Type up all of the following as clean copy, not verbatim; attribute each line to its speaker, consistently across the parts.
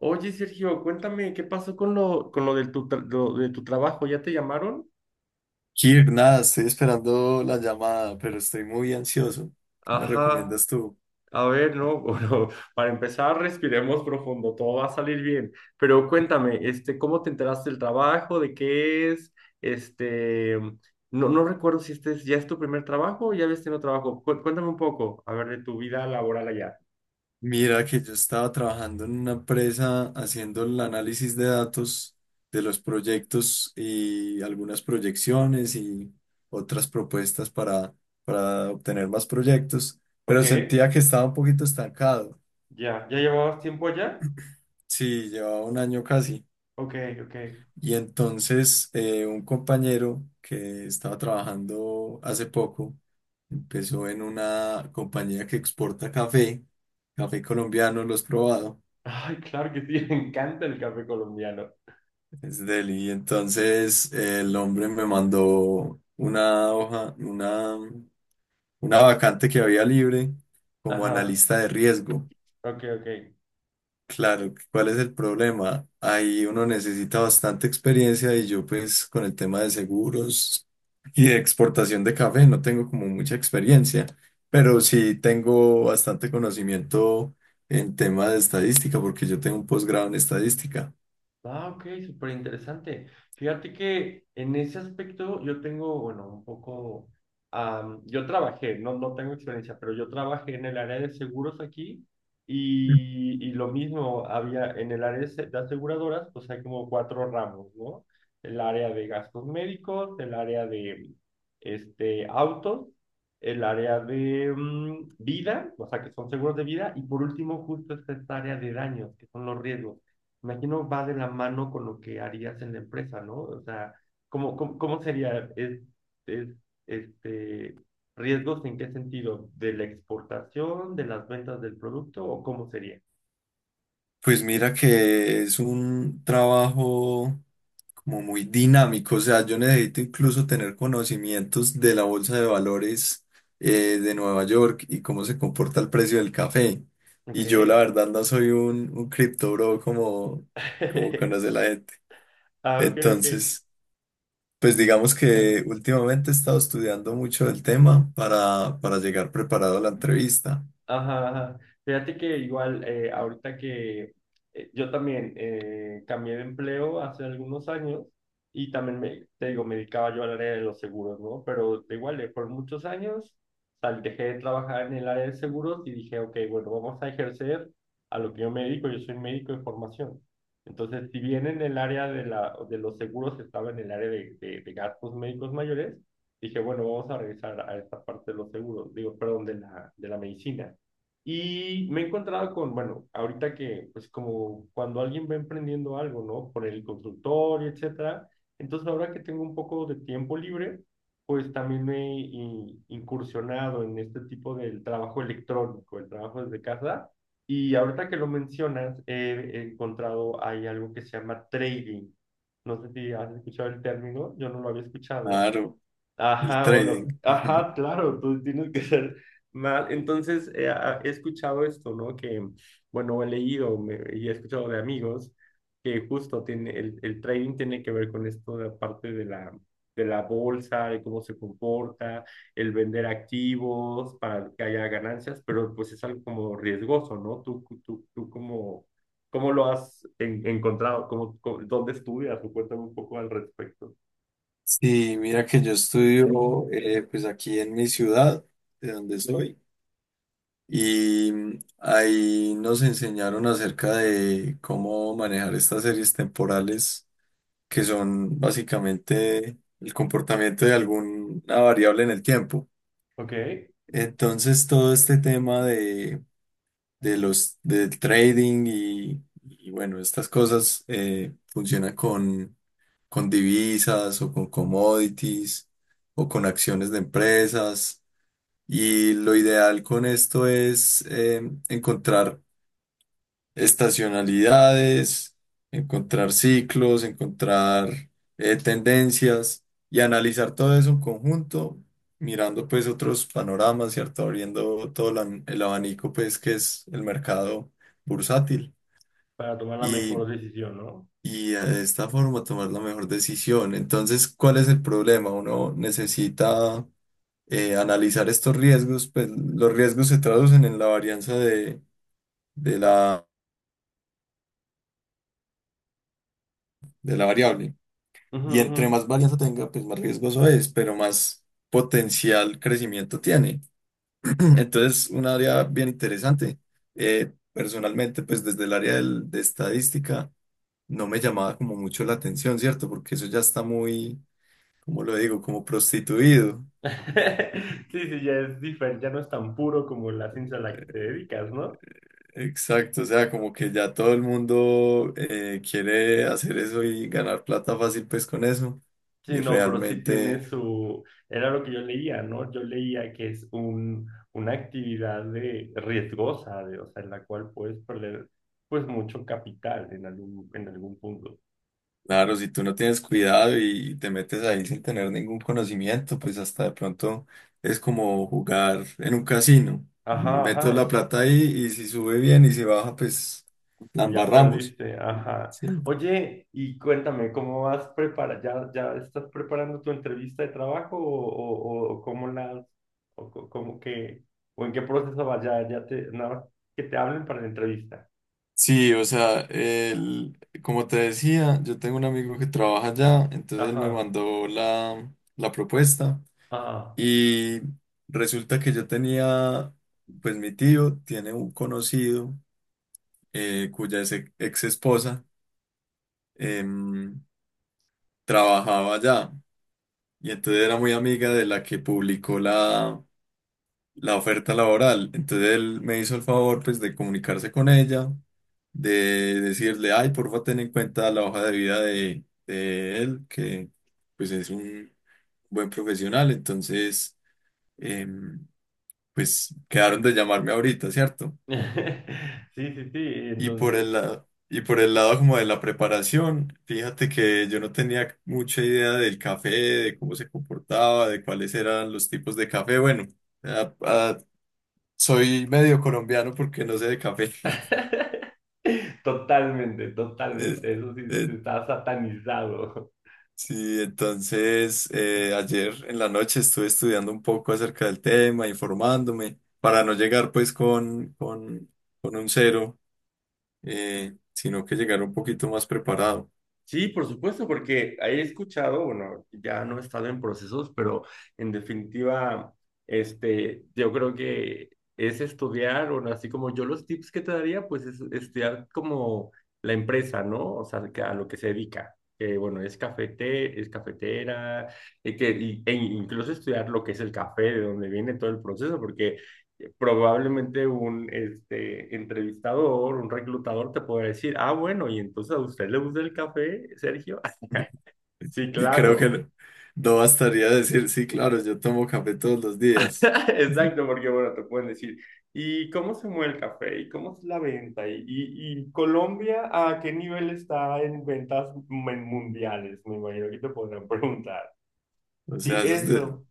Speaker 1: Oye, Sergio, cuéntame, ¿qué pasó con lo, del tu tra- lo de tu trabajo? ¿Ya te llamaron?
Speaker 2: Kir, nada, estoy esperando la llamada, pero estoy muy ansioso. ¿Qué me
Speaker 1: Ajá,
Speaker 2: recomiendas tú?
Speaker 1: a ver, no, bueno, para empezar, respiremos profundo, todo va a salir bien. Pero cuéntame, ¿cómo te enteraste del trabajo? ¿De qué es? Este, no recuerdo si este es, ya es tu primer trabajo o ya habías tenido trabajo. Cuéntame un poco, a ver, de tu vida laboral allá.
Speaker 2: Mira que yo estaba trabajando en una empresa haciendo el análisis de datos de los proyectos y algunas proyecciones y otras propuestas para obtener más proyectos, pero
Speaker 1: Ok,
Speaker 2: sentía que estaba un poquito estancado.
Speaker 1: ya, ¿ya llevabas tiempo allá?
Speaker 2: Sí, llevaba un año casi.
Speaker 1: Ok, ok.
Speaker 2: Y entonces un compañero que estaba trabajando hace poco empezó en una compañía que exporta café, café colombiano, lo has probado,
Speaker 1: Ay, claro que sí, me encanta el café colombiano.
Speaker 2: es deli. Y entonces el hombre me mandó una hoja, una vacante que había libre como
Speaker 1: Ajá,
Speaker 2: analista de riesgo.
Speaker 1: ok, ok.
Speaker 2: Claro, ¿cuál es el problema? Ahí uno necesita bastante experiencia y yo pues con el tema de seguros y de exportación de café no tengo como mucha experiencia, pero sí tengo bastante conocimiento en tema de estadística porque yo tengo un posgrado en estadística.
Speaker 1: Ah, ok, súper interesante. Fíjate que en ese aspecto yo tengo, bueno, un poco, yo trabajé, no, no tengo experiencia, pero yo trabajé en el área de seguros aquí y lo mismo había en el área de aseguradoras, pues hay como cuatro ramos, ¿no? El área de gastos médicos, el área de autos, el área de vida, o sea, que son seguros de vida, y por último justo está esta área de daños, que son los riesgos. Imagino va de la mano con lo que harías en la empresa, ¿no? O sea, ¿ cómo sería? Es, este, riesgos en qué sentido? ¿De la exportación, de las ventas del producto o cómo sería?
Speaker 2: Pues mira que es un trabajo como muy dinámico. O sea, yo necesito incluso tener conocimientos de la bolsa de valores de Nueva York y cómo se comporta el precio del café. Y yo la
Speaker 1: Ok.
Speaker 2: verdad no soy un cripto bro como conoce la gente.
Speaker 1: Ah, ok, ok.
Speaker 2: Entonces, pues digamos que últimamente he estado estudiando mucho el tema para llegar preparado a la entrevista.
Speaker 1: Ajá, ajá. Fíjate que igual ahorita que yo también cambié de empleo hace algunos años y también me, te digo, me dedicaba yo al área de los seguros, ¿no? Pero de igual, por muchos años dejé de trabajar en el área de seguros y dije, ok, bueno, vamos a ejercer a lo que yo me dedico, yo soy médico de formación. Entonces, si bien en el área de los seguros estaba en el área de gastos médicos mayores, dije, bueno, vamos a regresar a esta parte de los seguros, digo, perdón, de la medicina. Y me he encontrado con, bueno, ahorita que, pues como cuando alguien va emprendiendo algo, ¿no? Por el consultorio, etcétera. Entonces, ahora que tengo un poco de tiempo libre, pues también me he incursionado en este tipo del trabajo electrónico, el trabajo desde casa. Y ahorita que lo mencionas, he encontrado, hay algo que se llama trading. No sé si has escuchado el término, yo no lo había escuchado.
Speaker 2: Claro, el
Speaker 1: Ajá, bueno,
Speaker 2: trading.
Speaker 1: ajá, claro, tú tienes que ser mal. Entonces, he escuchado esto, ¿no? Que, bueno, y he escuchado de amigos que justo tiene, el trading tiene que ver con esto de la parte de la bolsa, de cómo se comporta, el vender activos para que haya ganancias, pero pues es algo como riesgoso, ¿no? Tú cómo lo has encontrado, dónde estudias, o cuéntame un poco al respecto.
Speaker 2: Sí, mira que yo estudio pues aquí en mi ciudad, de donde soy. Y ahí nos enseñaron acerca de cómo manejar estas series temporales, que son básicamente el comportamiento de alguna variable en el tiempo.
Speaker 1: Ok.
Speaker 2: Entonces, todo este tema de los del trading y, bueno, estas cosas funcionan con divisas o con commodities o con acciones de empresas. Y lo ideal con esto es encontrar estacionalidades, encontrar ciclos, encontrar tendencias y analizar todo eso en conjunto, mirando pues otros panoramas, ¿cierto? Abriendo el abanico pues que es el mercado bursátil
Speaker 1: Para tomar la
Speaker 2: y,
Speaker 1: mejor decisión, ¿no?
Speaker 2: y de esta forma tomar la mejor decisión. Entonces, ¿cuál es el problema? Uno necesita... analizar estos riesgos, pues los riesgos se traducen en la varianza de la, de la variable.
Speaker 1: Ujú,
Speaker 2: Y
Speaker 1: ujú.
Speaker 2: entre más varianza tenga, pues más riesgoso es, pero más potencial crecimiento tiene. Entonces, un área bien interesante. Personalmente, pues desde el área de estadística, no me llamaba como mucho la atención, ¿cierto? Porque eso ya está muy, ¿cómo lo digo? Como prostituido.
Speaker 1: Sí, sí, ya es diferente, ya no es tan puro como la ciencia a la que te dedicas, ¿no?
Speaker 2: Exacto, o sea, como que ya todo el mundo quiere hacer eso y ganar plata fácil, pues con eso.
Speaker 1: Sí,
Speaker 2: Y
Speaker 1: no, pero sí tiene
Speaker 2: realmente...
Speaker 1: su, era lo que yo leía, ¿no? Yo leía que es una actividad de riesgosa, de, o sea, en la cual puedes perder, pues, mucho capital en en algún punto.
Speaker 2: Claro, si tú no tienes cuidado y te metes ahí sin tener ningún conocimiento, pues hasta de pronto es como jugar en un casino.
Speaker 1: Ajá,
Speaker 2: Meto
Speaker 1: ajá,
Speaker 2: la plata ahí y si sube bien y si baja, pues la
Speaker 1: pues ya
Speaker 2: embarramos.
Speaker 1: perdiste, ajá.
Speaker 2: Sí,
Speaker 1: Oye, y cuéntame, ¿cómo vas prepara? ¿ ya estás preparando tu entrevista de trabajo o cómo la o co- cómo que, o en qué proceso vas? Ya te, nada más que te hablen para la entrevista.
Speaker 2: Sí, o sea, como te decía, yo tengo un amigo que trabaja allá, entonces él me
Speaker 1: Ajá,
Speaker 2: mandó la propuesta
Speaker 1: ajá.
Speaker 2: y resulta que yo tenía, pues mi tío tiene un conocido cuya ex, esposa em, trabajaba allá y entonces era muy amiga de la que publicó la oferta laboral. Entonces él me hizo el favor pues de comunicarse con ella, de decirle, ay, porfa, ten en cuenta la hoja de vida de él, que pues es un buen profesional. Entonces, em, pues quedaron de llamarme ahorita, ¿cierto?
Speaker 1: Sí, sí, sí,
Speaker 2: Y por
Speaker 1: entonces.
Speaker 2: el lado, y por el lado como de la preparación, fíjate que yo no tenía mucha idea del café, de cómo se comportaba, de cuáles eran los tipos de café. Bueno, ah, ah, soy medio colombiano porque no sé de café.
Speaker 1: Totalmente,
Speaker 2: Eh,
Speaker 1: totalmente, eso sí,
Speaker 2: eh,
Speaker 1: te está satanizado.
Speaker 2: sí, entonces ayer en la noche estuve estudiando un poco acerca del tema, informándome, para no llegar pues con un cero, sino que llegar un poquito más preparado.
Speaker 1: Sí, por supuesto, porque he escuchado, bueno, ya no he estado en procesos, pero en definitiva, yo creo que es estudiar, bueno, así como yo los tips que te daría, pues es estudiar como la empresa, ¿no? O sea, que a lo que se dedica. Que bueno, es cafetera, e incluso estudiar lo que es el café, de dónde viene todo el proceso, porque probablemente un entrevistador, un reclutador te puede decir, ah, bueno, y entonces a usted le gusta el café, Sergio. Sí,
Speaker 2: Y creo que
Speaker 1: claro.
Speaker 2: no, no bastaría decir, sí, claro, yo tomo café todos los días.
Speaker 1: Exacto, porque bueno, te pueden decir, ¿y cómo se mueve el café? ¿Y cómo es la venta? ¿ y Colombia a qué nivel está en ventas mundiales? Me imagino que te podrán preguntar.
Speaker 2: O
Speaker 1: Sí,
Speaker 2: sea,
Speaker 1: eso.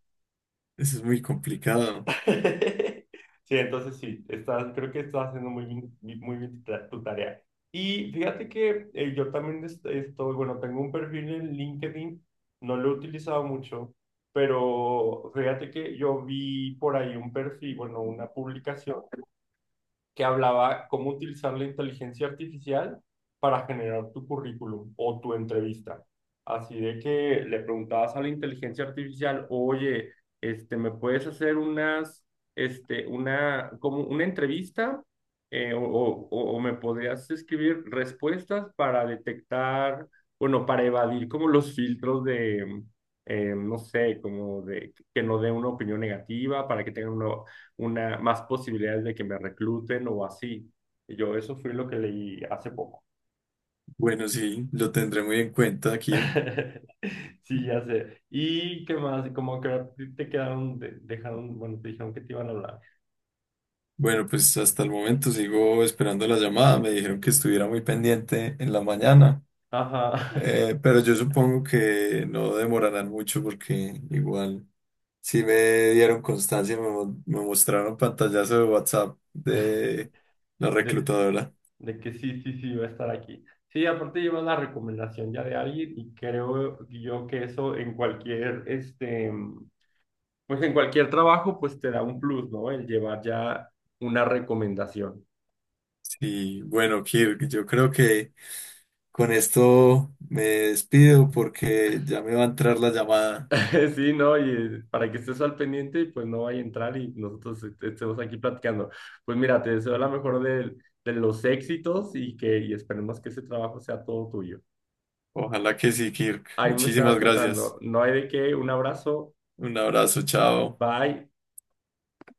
Speaker 2: eso es muy complicado.
Speaker 1: Sí, entonces sí, estás, creo que estás haciendo muy bien tu tarea. Y fíjate que yo también estoy, bueno, tengo un perfil en LinkedIn, no lo he utilizado mucho, pero fíjate que yo vi por ahí un perfil, bueno, una publicación que hablaba cómo utilizar la inteligencia artificial para generar tu currículum o tu entrevista. Así de que le preguntabas a la inteligencia artificial, oye, ¿me puedes hacer como una entrevista? Eh, o, o, o me podrías escribir respuestas para detectar, bueno, para evadir como los filtros de, no sé, como de que no dé una opinión negativa, para que tengan más posibilidades de que me recluten o así. Y yo, eso fue lo que leí hace poco.
Speaker 2: Bueno, sí, lo tendré muy en cuenta, Kirk.
Speaker 1: Sí, ya sé. ¿Y qué más? Como que a ti te quedaron, dejaron, bueno, te dijeron que te iban a hablar.
Speaker 2: Bueno, pues hasta el momento sigo esperando la llamada. Me dijeron que estuviera muy pendiente en la mañana.
Speaker 1: Ajá.
Speaker 2: Pero yo supongo que no demorarán mucho porque igual sí me dieron constancia, me mostraron pantallazo de WhatsApp de la
Speaker 1: De,
Speaker 2: reclutadora.
Speaker 1: de que sí, sí, sí, va a estar aquí. Sí, aparte llevas la recomendación ya de alguien y creo yo que eso en cualquier, pues en cualquier trabajo, pues te da un plus, ¿no? El llevar ya una recomendación.
Speaker 2: Sí, bueno, Kirk, yo creo que con esto me despido porque ya me va a entrar la llamada.
Speaker 1: Sí, no, y para que estés al pendiente, pues no vaya a entrar y nosotros estemos aquí platicando. Pues mira, te deseo la mejor del- de, los éxitos y esperemos que ese trabajo sea todo tuyo.
Speaker 2: Ojalá que sí, Kirk.
Speaker 1: Ahí me estabas
Speaker 2: Muchísimas
Speaker 1: contando,
Speaker 2: gracias.
Speaker 1: no hay de qué, un abrazo,
Speaker 2: Un abrazo, chao.
Speaker 1: bye.